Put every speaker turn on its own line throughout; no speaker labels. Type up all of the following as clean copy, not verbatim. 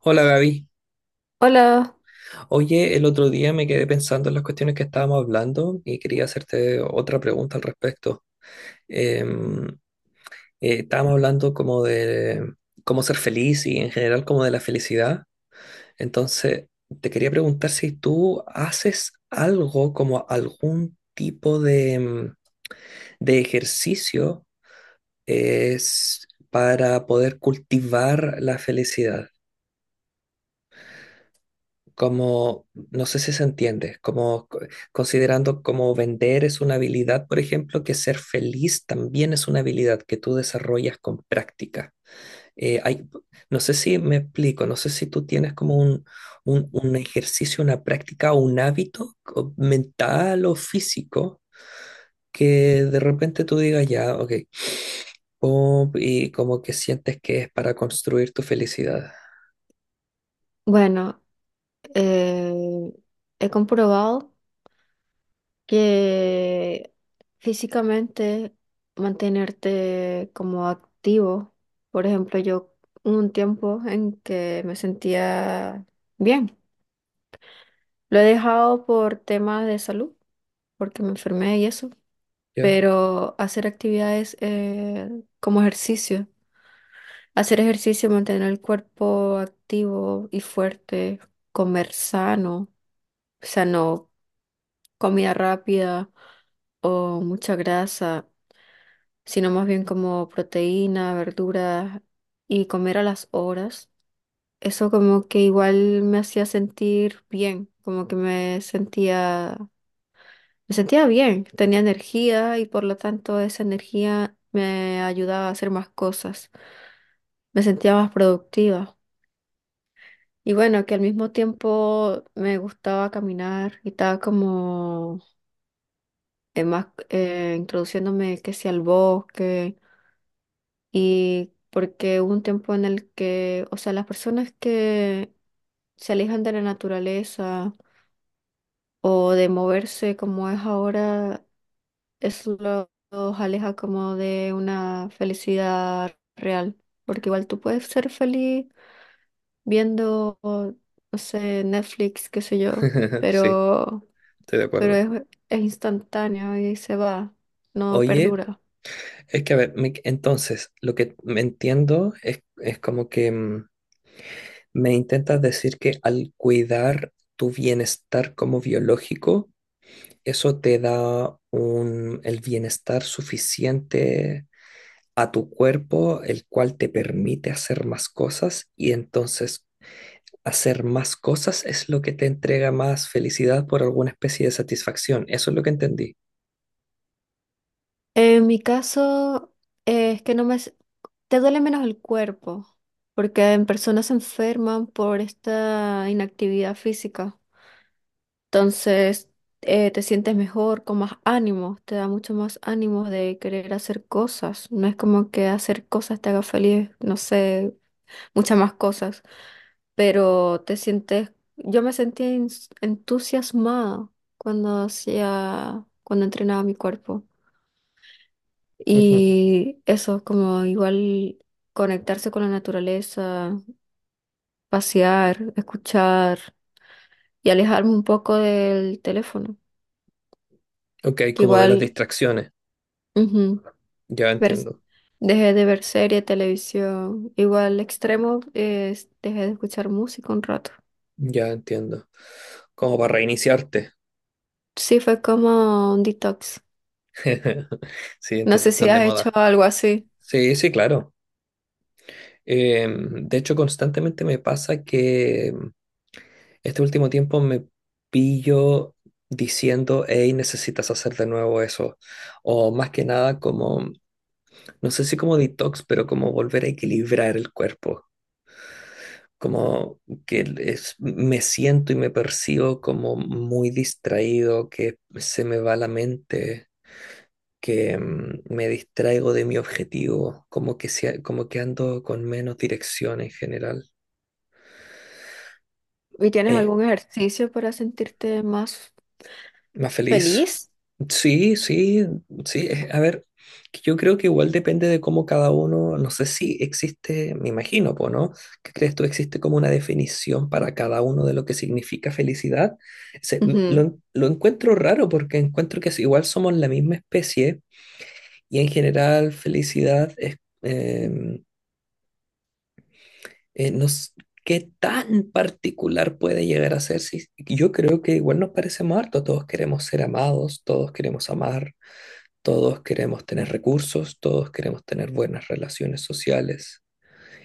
Hola Gaby.
Hola,
Oye, el otro día me quedé pensando en las cuestiones que estábamos hablando y quería hacerte otra pregunta al respecto. Em, Estábamos hablando como de cómo ser feliz y en general como de la felicidad. Entonces, te quería preguntar si tú haces algo como algún tipo de de ejercicio es para poder cultivar la felicidad. Como, no sé si se entiende, considerando como vender es una habilidad, por ejemplo, que ser feliz también es una habilidad que tú desarrollas con práctica. Eh, hay, no sé si me explico, no sé si tú tienes como un ejercicio, una práctica o un hábito mental o físico que de repente tú digas, ya, ok, pum, y como que sientes que es para construir tu felicidad.
bueno, eh, he comprobado que físicamente mantenerte como activo. Por ejemplo, yo hubo un tiempo en que me sentía bien, lo he dejado por temas de salud, porque me enfermé y eso,
¿Ya?
pero hacer actividades como ejercicio. Hacer ejercicio, mantener el cuerpo activo y fuerte, comer sano, o sea, no comida rápida o mucha grasa, sino más bien como proteína, verduras y comer a las horas. Eso como que igual me hacía sentir bien, como que me sentía bien, tenía energía y por lo tanto esa energía me ayudaba a hacer más cosas. Me sentía más productiva. Y bueno, que al mismo tiempo me gustaba caminar y estaba como más introduciéndome que sea al bosque, y porque hubo un tiempo en el que, o sea, las personas que se alejan de la naturaleza o de moverse como es ahora, eso los aleja como de una felicidad real, porque igual tú puedes ser feliz viendo, no sé, Netflix, qué sé yo,
Sí,
pero,
estoy de
pero
acuerdo.
es, es instantáneo y se va, no
Oye.
perdura.
Es que, a ver, me- Entonces, lo que me entiendo es como que me intentas decir que al cuidar tu bienestar como biológico, eso te da un, el bienestar suficiente a tu cuerpo, el cual te permite hacer más cosas y entonces hacer más cosas es lo que te entrega más felicidad por alguna especie de satisfacción. Eso es lo que entendí.
En mi caso, es que no te duele menos el cuerpo, porque en personas se enferman por esta inactividad física. Entonces, te sientes mejor, con más ánimo, te da mucho más ánimo de querer hacer cosas. No es como que hacer cosas te haga feliz, no sé, muchas más cosas, pero te sientes, yo me sentía entusiasmada cuando cuando entrenaba mi cuerpo.
Ujú.
Y eso, como igual conectarse con la naturaleza, pasear, escuchar y alejarme un poco del teléfono,
Ok,
que
como de las
igual...
distracciones,
ujú,
ya
ver-
entiendo.
dejé de ver serie, televisión, igual extremo, dejé de escuchar música un rato.
Ya entiendo. Como para reiniciarte.
Sí, fue como un detox.
Sí,
No
entiendo,
sé si
están de
has hecho
moda.
algo así
Sí, sí, claro. De hecho, constantemente me pasa que este último tiempo me pillo diciendo, hey, necesitas hacer de nuevo eso. O más que nada como, no sé si como detox, pero como volver a equilibrar el cuerpo. Como que me siento y me percibo como muy distraído, que se me va la mente. Que me distraigo de mi objetivo, como que, como que ando con menos dirección en general.
y tienes
Eh,
algún ejercicio para sentirte más
Más feliz.
feliz.
Sí, sí, sí. A ver, que yo creo que igual depende de cómo cada uno, no sé si existe, me imagino, po, ¿no? ¿Qué crees tú? ¿Existe como una definición para cada uno de lo que significa felicidad?
Ujú.
Lo encuentro raro porque encuentro que igual somos la misma especie y en general felicidad es... em, no s- qué tan particular puede llegar a ser. Si, yo creo que igual nos parecemos harto. Todos queremos ser amados, todos queremos amar, todos queremos tener recursos, todos queremos tener buenas relaciones sociales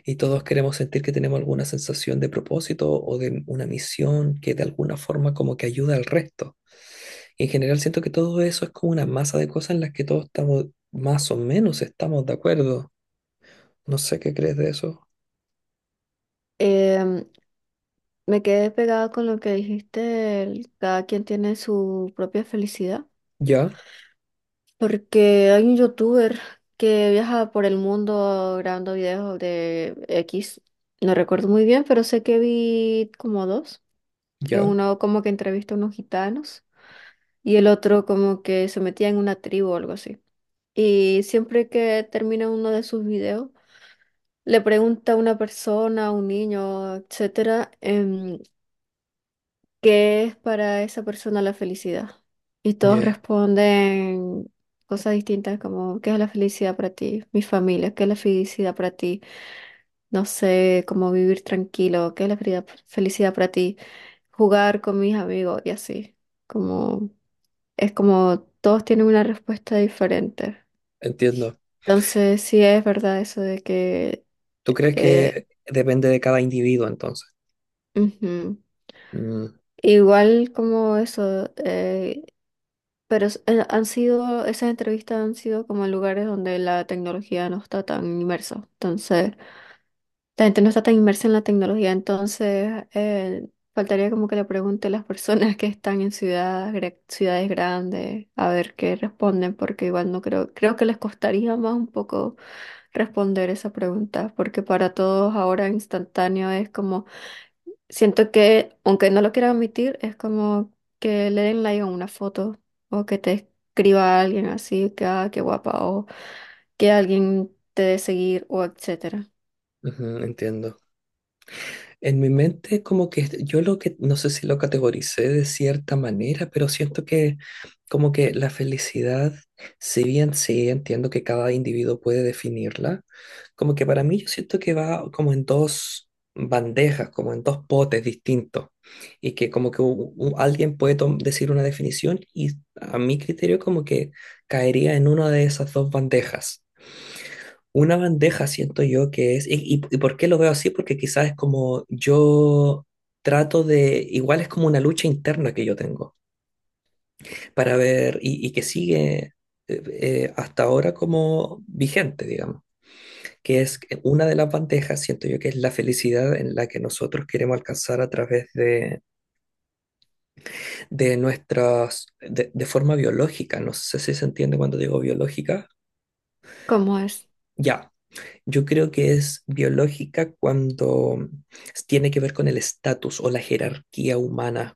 y todos queremos sentir que tenemos alguna sensación de propósito o de una misión que de alguna forma como que ayuda al resto. Y en general siento que todo eso es como una masa de cosas en las que todos estamos más o menos estamos de acuerdo. No sé qué crees de eso.
Em, Me quedé pegada con lo que dijiste, del cada quien tiene su propia felicidad,
Ya,
porque hay un youtuber que viaja por el mundo grabando videos de X, no recuerdo muy bien, pero sé que vi como dos. En
ya,
uno como que entrevista a unos gitanos y el otro como que se metía en una tribu o algo así. Y siempre que termina uno de sus videos, le pregunta a una persona, a un niño, etcétera, ¿qué es para esa persona la felicidad? Y todos
ya.
responden cosas distintas como, ¿qué es la felicidad para ti? Mi familia. ¿Qué es la felicidad para ti? No sé, cómo vivir tranquilo. ¿Qué es la felicidad para ti? Jugar con mis amigos y así. Como, es como todos tienen una respuesta diferente.
Entiendo.
Entonces, sí es verdad eso de que...
¿Tú crees
eh,
que depende de cada individuo entonces?
ujú.
Mm,
Igual como eso, pero esas entrevistas han sido como en lugares donde la tecnología no está tan inmersa. Entonces, la gente no está tan inmersa en la tecnología, entonces faltaría como que le pregunte a las personas que están en ciudades, ciudades grandes a ver qué responden, porque igual no creo, creo que les costaría más un poco responder esa pregunta, porque para todos ahora instantáneo es como... siento que, aunque no lo quiera admitir, es como que le den like a una foto o que te escriba alguien así, que ah, qué guapa, o que alguien te dé seguir, o etcétera.
ujú, entiendo. En mi mente como que yo lo que, no sé si lo categoricé de cierta manera, pero siento que como que la felicidad, si bien sí entiendo que cada individuo puede definirla, como que para mí yo siento que va como en dos bandejas, como en dos potes distintos, y que como que alguien puede decir una definición y a mi criterio como que caería en una de esas dos bandejas. Una bandeja siento yo que es, y por qué lo veo así, porque quizás es como yo trato de, igual es como una lucha interna que yo tengo para ver y que sigue hasta ahora como vigente, digamos, que es que una de las bandejas, siento yo que es la felicidad en la que nosotros queremos alcanzar a través de de forma biológica, no sé si se entiende cuando digo biológica,
¿Cómo es?
ya. Yo creo que es biológica cuando tiene que ver con el estatus o la jerarquía humana,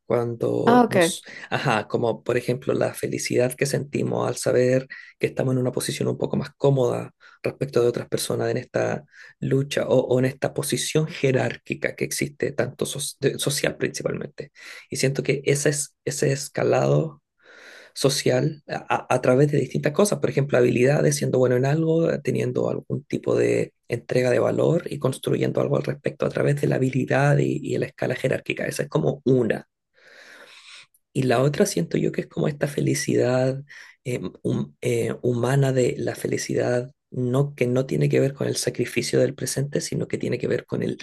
Ah,
cuando
ok.
nos, ajá, como por ejemplo la felicidad que sentimos al saber que estamos en una posición un poco más cómoda respecto de otras personas en esta lucha o en esta posición jerárquica que existe, tanto social principalmente. Y siento que ese escalado social través de distintas cosas, por ejemplo, habilidades, siendo bueno en algo, teniendo algún tipo de entrega de valor y construyendo algo al respecto a través de la habilidad y la escala jerárquica. Esa es como una. Y la otra siento yo que es como esta felicidad humana de la felicidad. No, que no tiene que ver con el sacrificio del presente, sino que tiene que ver con el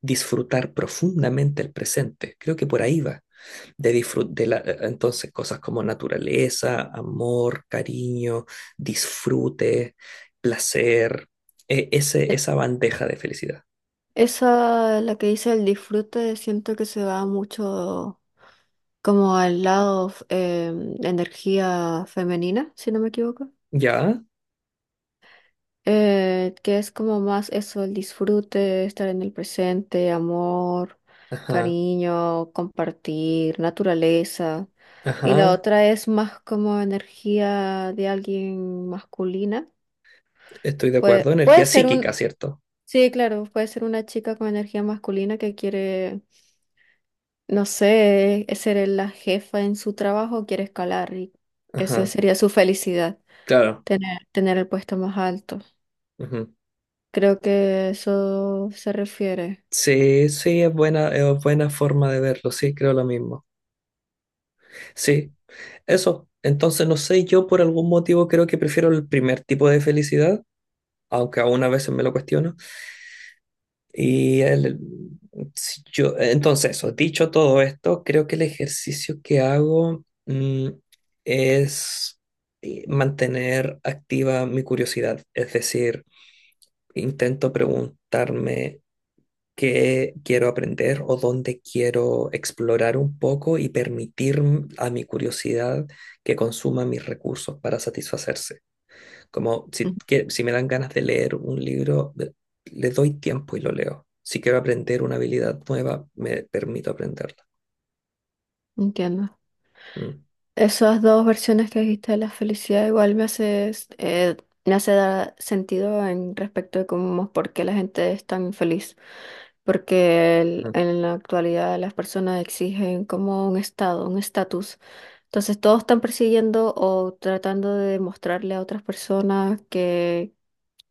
disfrutar profundamente el presente. Creo que por ahí va de disfrute, entonces cosas como naturaleza, amor, cariño, disfrute, placer,
E-
esa bandeja de felicidad.
Esa, la que dice el disfrute, siento que se va mucho como al lado energía femenina, si no me equivoco.
¿Ya?
Que es como más eso, el disfrute, estar en el presente, amor,
Ajá,
cariño, compartir, naturaleza. Y la
ajá,
otra es más como energía de alguien masculina.
estoy de acuerdo. Energía
Puede ser
psíquica,
un,
¿cierto?
sí, claro, puede ser una chica con energía masculina que quiere, no sé, ser la jefa en su trabajo, quiere escalar y esa
Ajá,
sería su felicidad,
claro.
tener el puesto más alto.
Ujú.
Creo que eso se refiere.
Sí, sí, es buena forma de verlo, sí, creo lo mismo. Sí, eso. Entonces, no sé, yo por algún motivo creo que prefiero el primer tipo de felicidad, aunque aún a veces me lo cuestiono. Y el- si yo, entonces, eso, dicho todo esto, creo que el ejercicio que hago es mantener activa mi curiosidad, es decir, intento preguntarme qué quiero aprender o dónde quiero explorar un poco y permitir a mi curiosidad que consuma mis recursos para satisfacerse. Como si,
Ujú.
si me dan ganas de leer un libro, le doy tiempo y lo leo. Si quiero aprender una habilidad nueva, me permito aprenderla.
Entiendo.
Mm,
Esas dos versiones que dijiste de la felicidad igual me me hace dar sentido en respecto de cómo, por qué la gente es tan infeliz. Porque
mm,
en la actualidad las personas exigen como un estado, un estatus. Entonces todos están persiguiendo o tratando de demostrarle a otras personas que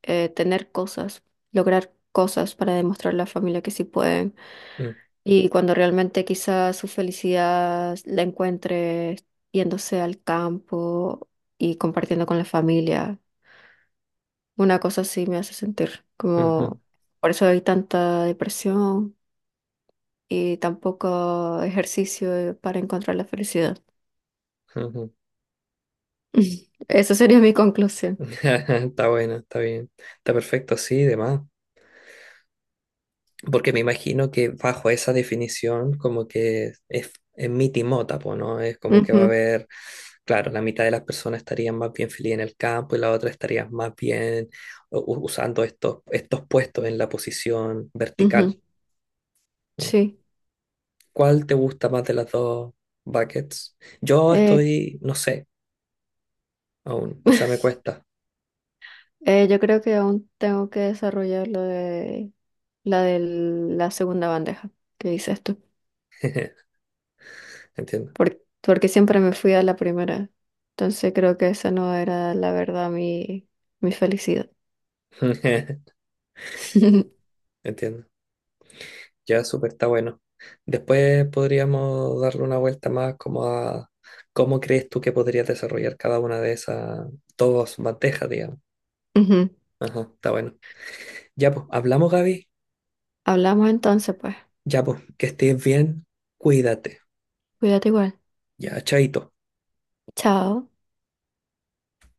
tener cosas, lograr cosas para demostrarle a la familia que sí pueden.
mm,
Y cuando realmente quizás su felicidad la encuentre yéndose al campo y compartiendo con la familia. Una cosa así me hace sentir
ujú,
como por eso hay tanta depresión y tan poco ejercicio para encontrar la felicidad.
ujú.
Esa sería mi conclusión.
Está bueno, está bien. Está perfecto, sí, demás. Porque me imagino que bajo esa definición, como que es mitimota, po, ¿no? Es como que va a
Ujú,
haber, claro, la mitad de las personas estarían más bien feliz en el campo y la otra estaría más bien usando estos puestos en la posición vertical.
ujú,
Mm.
sí.
¿Cuál te gusta más de las dos buckets? Yo
Eh,
estoy, no sé, aún, o sea, me cuesta.
yo creo que aún tengo que desarrollar lo de la segunda bandeja que dices tú.
Entiendo.
Porque siempre me fui a la primera. Entonces creo que esa no era la verdad mi felicidad.
Entiendo. Ya súper está bueno. Después podríamos darle una vuelta más como a cómo crees tú que podrías desarrollar cada una de esas dos bandejas, digamos.
Ujú.
Ajá, está bueno. Ya pues, hablamos, Gaby.
Hablamos entonces, pues.
Ya pues, que estés bien. Cuídate.
Cuídate igual.
Ya, chaito.
Chao.